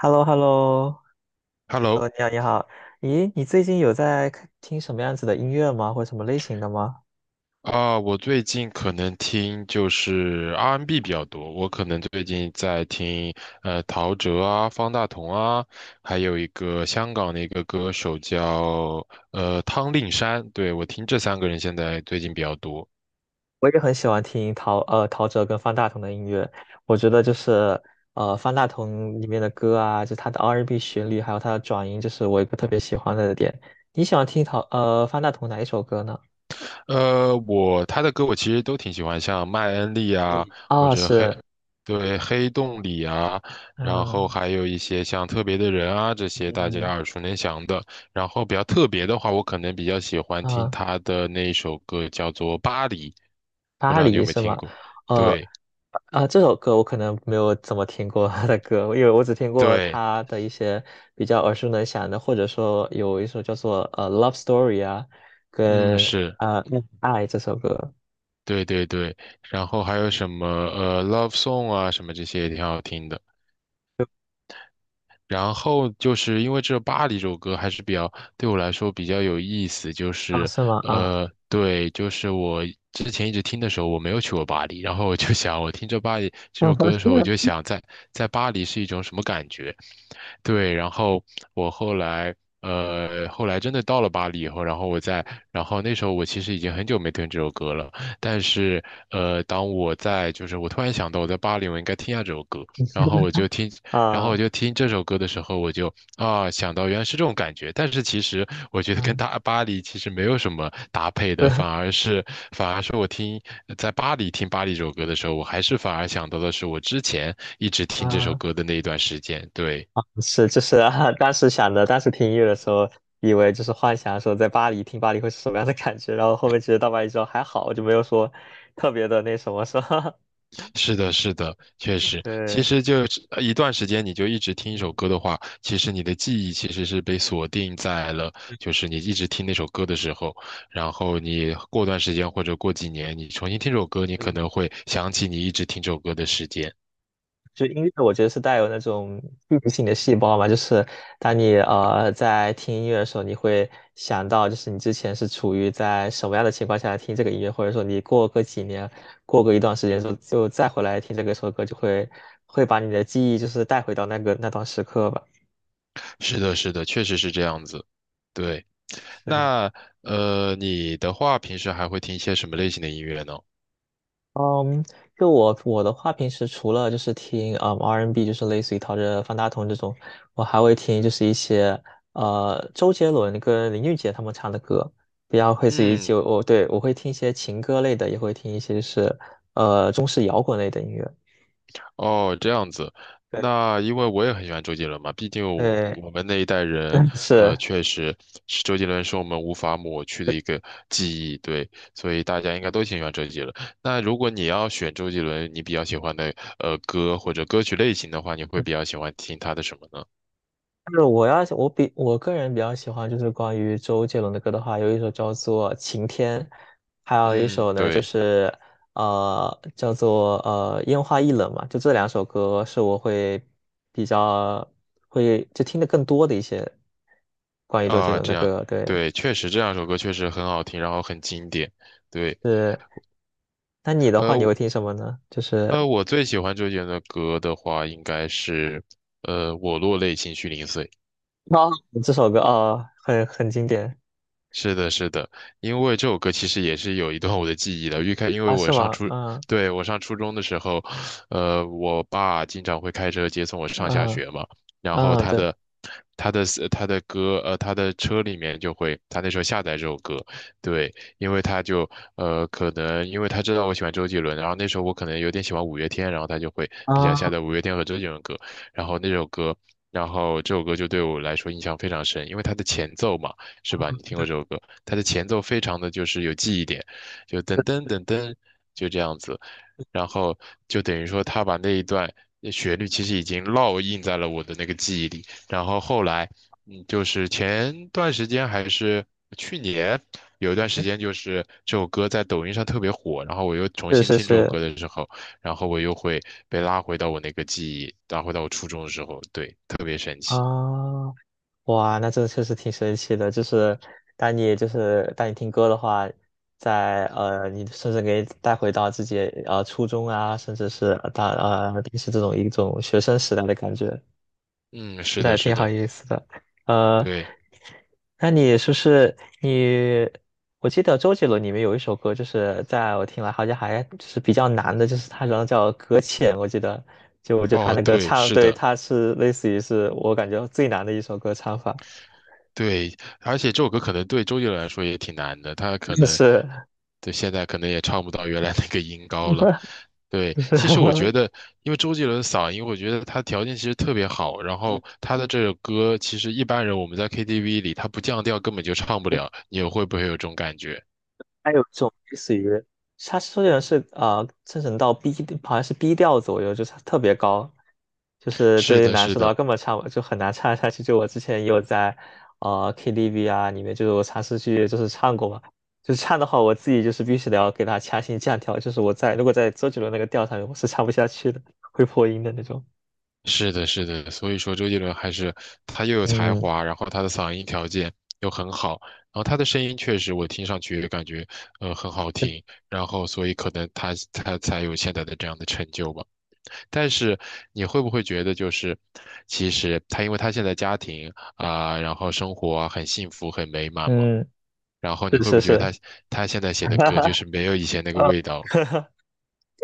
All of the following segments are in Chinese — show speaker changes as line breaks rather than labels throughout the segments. h e l l o h e l l o h e l l
Hello，
o 你好，你好。咦，你最近有在听什么样子的音乐吗？或者什么类型的吗？
啊，我最近可能听就是 R&B n 比较多，我可能最近在听陶喆啊、方大同啊，还有一个香港的一个歌手叫汤令山，对，我听这三个人现在最近比较多。
我也很喜欢听陶喆跟方大同的音乐，我觉得就是方大同里面的歌啊，就他的 R&B 旋律，还有他的转音，就是我一个特别喜欢的点。你喜欢听方大同哪一首歌呢？
我他的歌我其实都挺喜欢，像麦恩利啊，
你
或
啊、
者黑，
是
对，黑洞里啊，然后
嗯
还有一些像特别的人啊，这些大家
嗯
耳熟能详的。然后比较特别的话，我可能比较喜欢听
啊。
他的那一首歌，叫做《巴黎》，不
巴
知道你有
黎
没有
是
听
吗？
过？
呃，
对
啊，这首歌我可能没有怎么听过他的歌，因为我只听过
对，
他的一些比较耳熟能详的，或者说有一首叫做《Love Story》啊，
嗯，
跟
是，
《恋爱》这首歌
对对对。然后还有什么Love Song 啊，什么这些也挺好听的。然后就是因为这《巴黎》这首歌还是比较对我来说比较有意思，就
啊，
是
是吗？啊
对，就是我之前一直听的时候我没有去过巴黎，然后我就想，我听这巴黎》这首歌 的时候，我就想在在巴黎是一种什么感觉，对，然后我后来，后来真的到了巴黎以后，然后我在，然后那时候我其实已经很久没听这首歌了，但是，当我在，就是我突然想到我在巴黎，我应该听一下这首歌，然后我就听，然后我
啊
就听这首歌的时候，我就啊想到原来是这种感觉，但是其实我觉得跟
啊，
大 巴黎其实没有什么搭配
对
的，反而是我听在巴黎听巴黎这首歌的时候，我还是反而想到的是我之前一直听这首
啊，
歌的那一段时间，对。
是就是啊，当时想的，当时听音乐的时候，以为就是幻想说在巴黎听巴黎会是什么样的感觉，然后后面其实到巴黎之后还好，就没有说特别的那什么，是吧？
是的，是的，确 实，其
对。
实就是一段时间，你就一直听一首
嗯
歌的话，其实你的记忆其实是被锁定在了，就是你一直听那首歌的时候，然后你过段时间或者过几年，你重新听首歌，你可
嗯，
能会想起你一直听这首歌的时间。
就音乐，我觉得是带有那种记忆性的细胞嘛，就是当你在听音乐的时候，你会想到就是你之前是处于在什么样的情况下听这个音乐，或者说你过个几年，过个一段时间之后，就再回来听这个首歌，就会把你的记忆就是带回到那个那段时刻吧。
是的，是的，确实是这样子。对，那你的话，平时还会听一些什么类型的音乐呢？
嗯，就我的话，平时除了就是听R&B，N 就是类似于陶喆、方大同这种，我还会听就是一些周杰伦跟林俊杰他们唱的歌，比较类似于
嗯。
就我对我会听一些情歌类的，也会听一些就是中式摇滚类的音乐。
哦，这样子，
对
那因为我也很喜欢周杰伦嘛，毕竟我
对，
我们那一代人，
是。
确实是周杰伦是我们无法抹去的一个记忆，对，所以大家应该都挺喜欢周杰伦。那如果你要选周杰伦，你比较喜欢的歌或者歌曲类型的话，你会比较喜欢听他的什么呢？
就是我要我比我个人比较喜欢就是关于周杰伦的歌的话，有一首叫做《晴天》，还有一
嗯，
首呢就
对，
是叫做《烟花易冷》嘛，就这两首歌是我会比较会就听的更多的一些关于周杰
啊，
伦
这
的
样，
歌。对，
对，确实这两首歌确实很好听，然后很经典，对。
是那你的话你
呃，
会听什么呢？就是
我最喜欢周杰伦的歌的话，应该是《我落泪情绪零碎》。
啊这首歌啊，很经典
是的，是的，因为这首歌其实也是有一段我的记忆的。因为
啊，
我
是
上
吗？
初，
嗯
对，我上初中的时候，我爸经常会开车接送我上下
嗯
学嘛，然后
嗯，对
他的他的歌，他的车里面就会，他那时候下载这首歌，对，因为他就可能因为他知道我喜欢周杰伦，然后那时候我可能有点喜欢五月天，然后他就会比较下
啊，
载五月天和周杰伦歌，然后那首歌。然后这首歌就对我来说印象非常深，因为它的前奏嘛。是吧？你听过这首歌，它的前奏非常的就是有记忆点，就噔噔噔噔，就这样子，然后就等于说他把那一段旋律其实已经烙印在了我的那个记忆里，然后后来，嗯，就是前段时间还是去年有一段时间，就是这首歌在抖音上特别火，然后我又重
是
新
是
听这首
是。
歌的时候，然后我又会被拉回到我那个记忆，拉回到我初中的时候，对，特别神奇。
啊，哇，那这确实挺神奇的。就是当你听歌的话，你甚至可以带回到自己初中啊，甚至是呃大呃平时这种一种学生时代的感觉。
嗯，是
对，
的，是
挺好
的，
意思的。呃，
对。
那你是不是你？我记得周杰伦里面有一首歌，就是在我听来好像还就是比较难的，就是他好像叫《搁浅》，我记得就我觉得他
哦，
那个
对，
唱，
是
对，
的，
他是类似于是我感觉最难的一首歌唱法，
对，而且这首歌可能对周杰伦来说也挺难的，他可 能
是
对现在可能也唱不到原来那个音高 了。对，
不是
其实我觉
嗯
得，因为周杰伦的嗓音，我觉得他条件其实特别好，然后 他的这首歌，其实一般人我们在 KTV 里，他不降调根本就唱不了，你会不会有这种感觉？
还有一种类似于，它虽然是啊、生成到 B,好像是 B 调左右，就是它特别高，就是
是
对于
的，
男
是
生的话
的。
根本唱不就很难唱下去。就我之前也有在KTV 啊里面，就是我尝试去就是唱过嘛，就是唱的话我自己就是必须得要给它强行降调，就是如果在周杰伦那个调上面，我是唱不下去的，会破音的那种。
是的，是的，所以说周杰伦还是他又有才
嗯
华，然后他的嗓音条件又很好，然后他的声音确实我听上去也感觉很好听，然后所以可能他才有现在的这样的成就吧。但是你会不会觉得就是其实他因为他现在家庭啊，然后生活啊很幸福很美满嘛，
嗯，
然后你
是
会不
是
会觉得
是，
他现在 写的
哈
歌就
哈，
是没有以前那个味道了？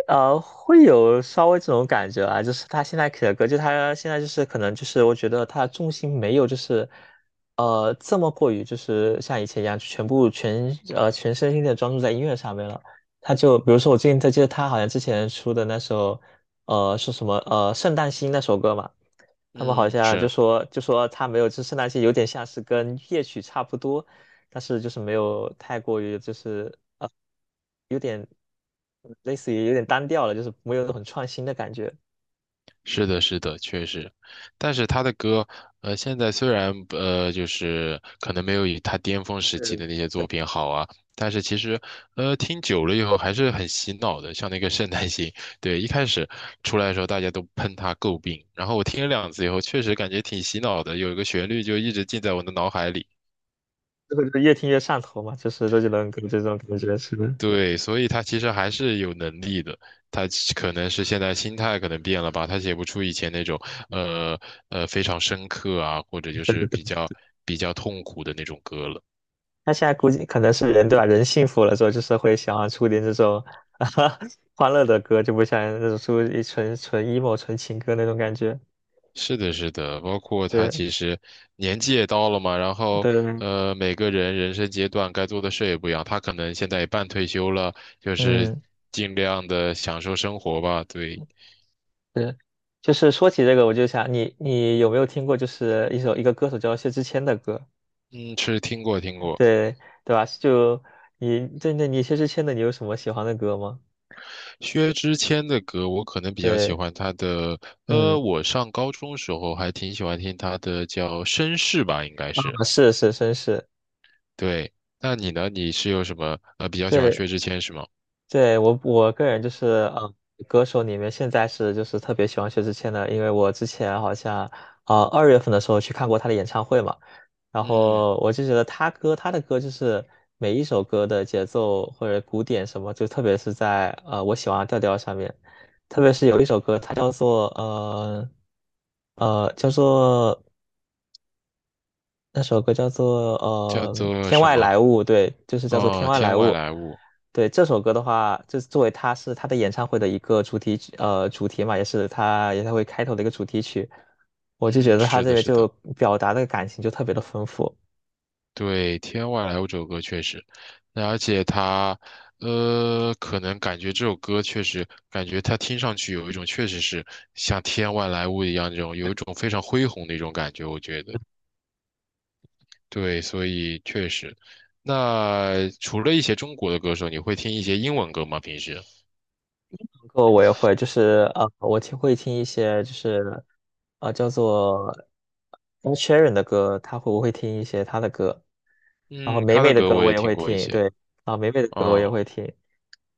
会有稍微这种感觉啊，就是他现在写的歌，就他现在就是可能就是我觉得他的重心没有就是，这么过于就是像以前一样全部全呃全身心的专注在音乐上面了。他就比如说我最近记得他好像之前出的那首，是什么《圣诞星》那首歌嘛，他们好
嗯，
像就
是
说就说他没有，支持那些有点像是跟夜曲差不多，但是就是没有太过于就是有点类似于有点单调了，就是没有很创新的感觉。
是的，确实，但是他的歌，现在虽然就是可能没有以他巅峰时期
对，
的那些作品好啊，但是其实，听久了以后还是很洗脑的，像那个《圣诞星》，对，一开始出来的时候大家都喷他诟病，然后我听了两次以后，确实感觉挺洗脑的，有一个旋律就一直记在我的脑海里。
这个就是越听越上头嘛，就是周杰伦给我这种感觉是，
对，所以他其实还是有能力的，他其可能是现在心态可能变了吧，他写不出以前那种呃非常深刻啊，或者就
这个
是
对。
比较痛苦的那种歌了。
他现在估计可能是人对吧？人幸福了之后，就是会想要出点这种 欢乐的歌，就不像那种出一纯纯 emo 纯情歌那种感觉。
是的，是的，包括他
是，
其实年纪也到了嘛，然后
对，
每个人人生阶段该做的事也不一样，他可能现在也半退休了，就是
嗯。
尽量的享受生活吧。对，
对，就是说起这个，我就想你有没有听过，就是一个歌手叫薛之谦的歌，
嗯，是听过听过。
对对吧？就你针对那你薛之谦的，你有什么喜欢的歌吗？
薛之谦的歌，我可能比较喜
对，
欢他的，
嗯，
我上高中时候还挺喜欢听他的叫绅士吧，应该
啊
是。
是是绅士，
对，那你呢？你是有什么比较喜欢
对
薛之谦是吗？
对，我个人就是，嗯，歌手里面现在是就是特别喜欢薛之谦的，因为我之前好像，2月份的时候去看过他的演唱会嘛，然
嗯，
后我就觉得他的歌就是每一首歌的节奏或者鼓点什么，就特别是在我喜欢的调调上面，特别是有一首歌，它叫做呃呃叫做那首歌叫做
叫
呃
做
《天
什
外来
么？
物》，对，就是叫做《天
哦，
外来
天
物》。
外来物。
对，这首歌的话，就是作为他的演唱会的一个主题曲，主题嘛，也是他演唱会开头的一个主题曲。我就觉
嗯，
得他
是
这
的，
个
是
就
的，
表达的感情就特别的丰富。
对，天外来物这首歌确实，那而且他，可能感觉这首歌确实，感觉他听上去有一种确实是像天外来物一样这种，有一种非常恢宏的一种感觉，我觉得。对，所以确实，那除了一些中国的歌手，你会听一些英文歌吗？平时？
歌我也会，就是我会听一些就是叫做 Ed s h e r a n 的歌，他会不会听一些他的歌，然后
嗯，
美
他
美
的
的
歌
歌
我
我
也
也
听
会
过一
听，
些。
对，啊，美美的歌我也
嗯，
会听。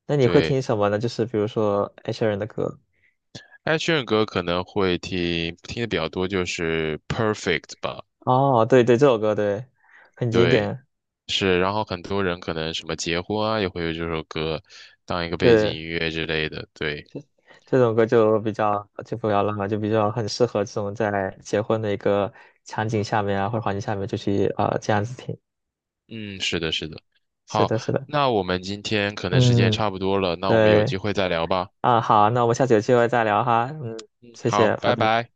那你会
对，
听什么呢？就是比如说 Ed s h e r a n 的歌。
艾炫歌可能会听听的比较多，就是《Perfect》吧。
哦，对对，这首歌对，很经
对，
典。
是。然后很多人可能什么结婚啊，也会有这首歌当一个背景
对，
音乐之类的。对，
这种歌就比较就不要浪了，就比较很适合这种在结婚的一个场景下面啊，或者环境下面就去啊、这样子听。
嗯，是的，是的。
是
好，
的，是的。
那我们今天可能时间也
嗯，
差不多了，那我们有
对。
机会再聊吧。
啊，好，那我们下次有机会再聊哈。嗯，
嗯，
谢
好，
谢，拜
拜
拜。
拜。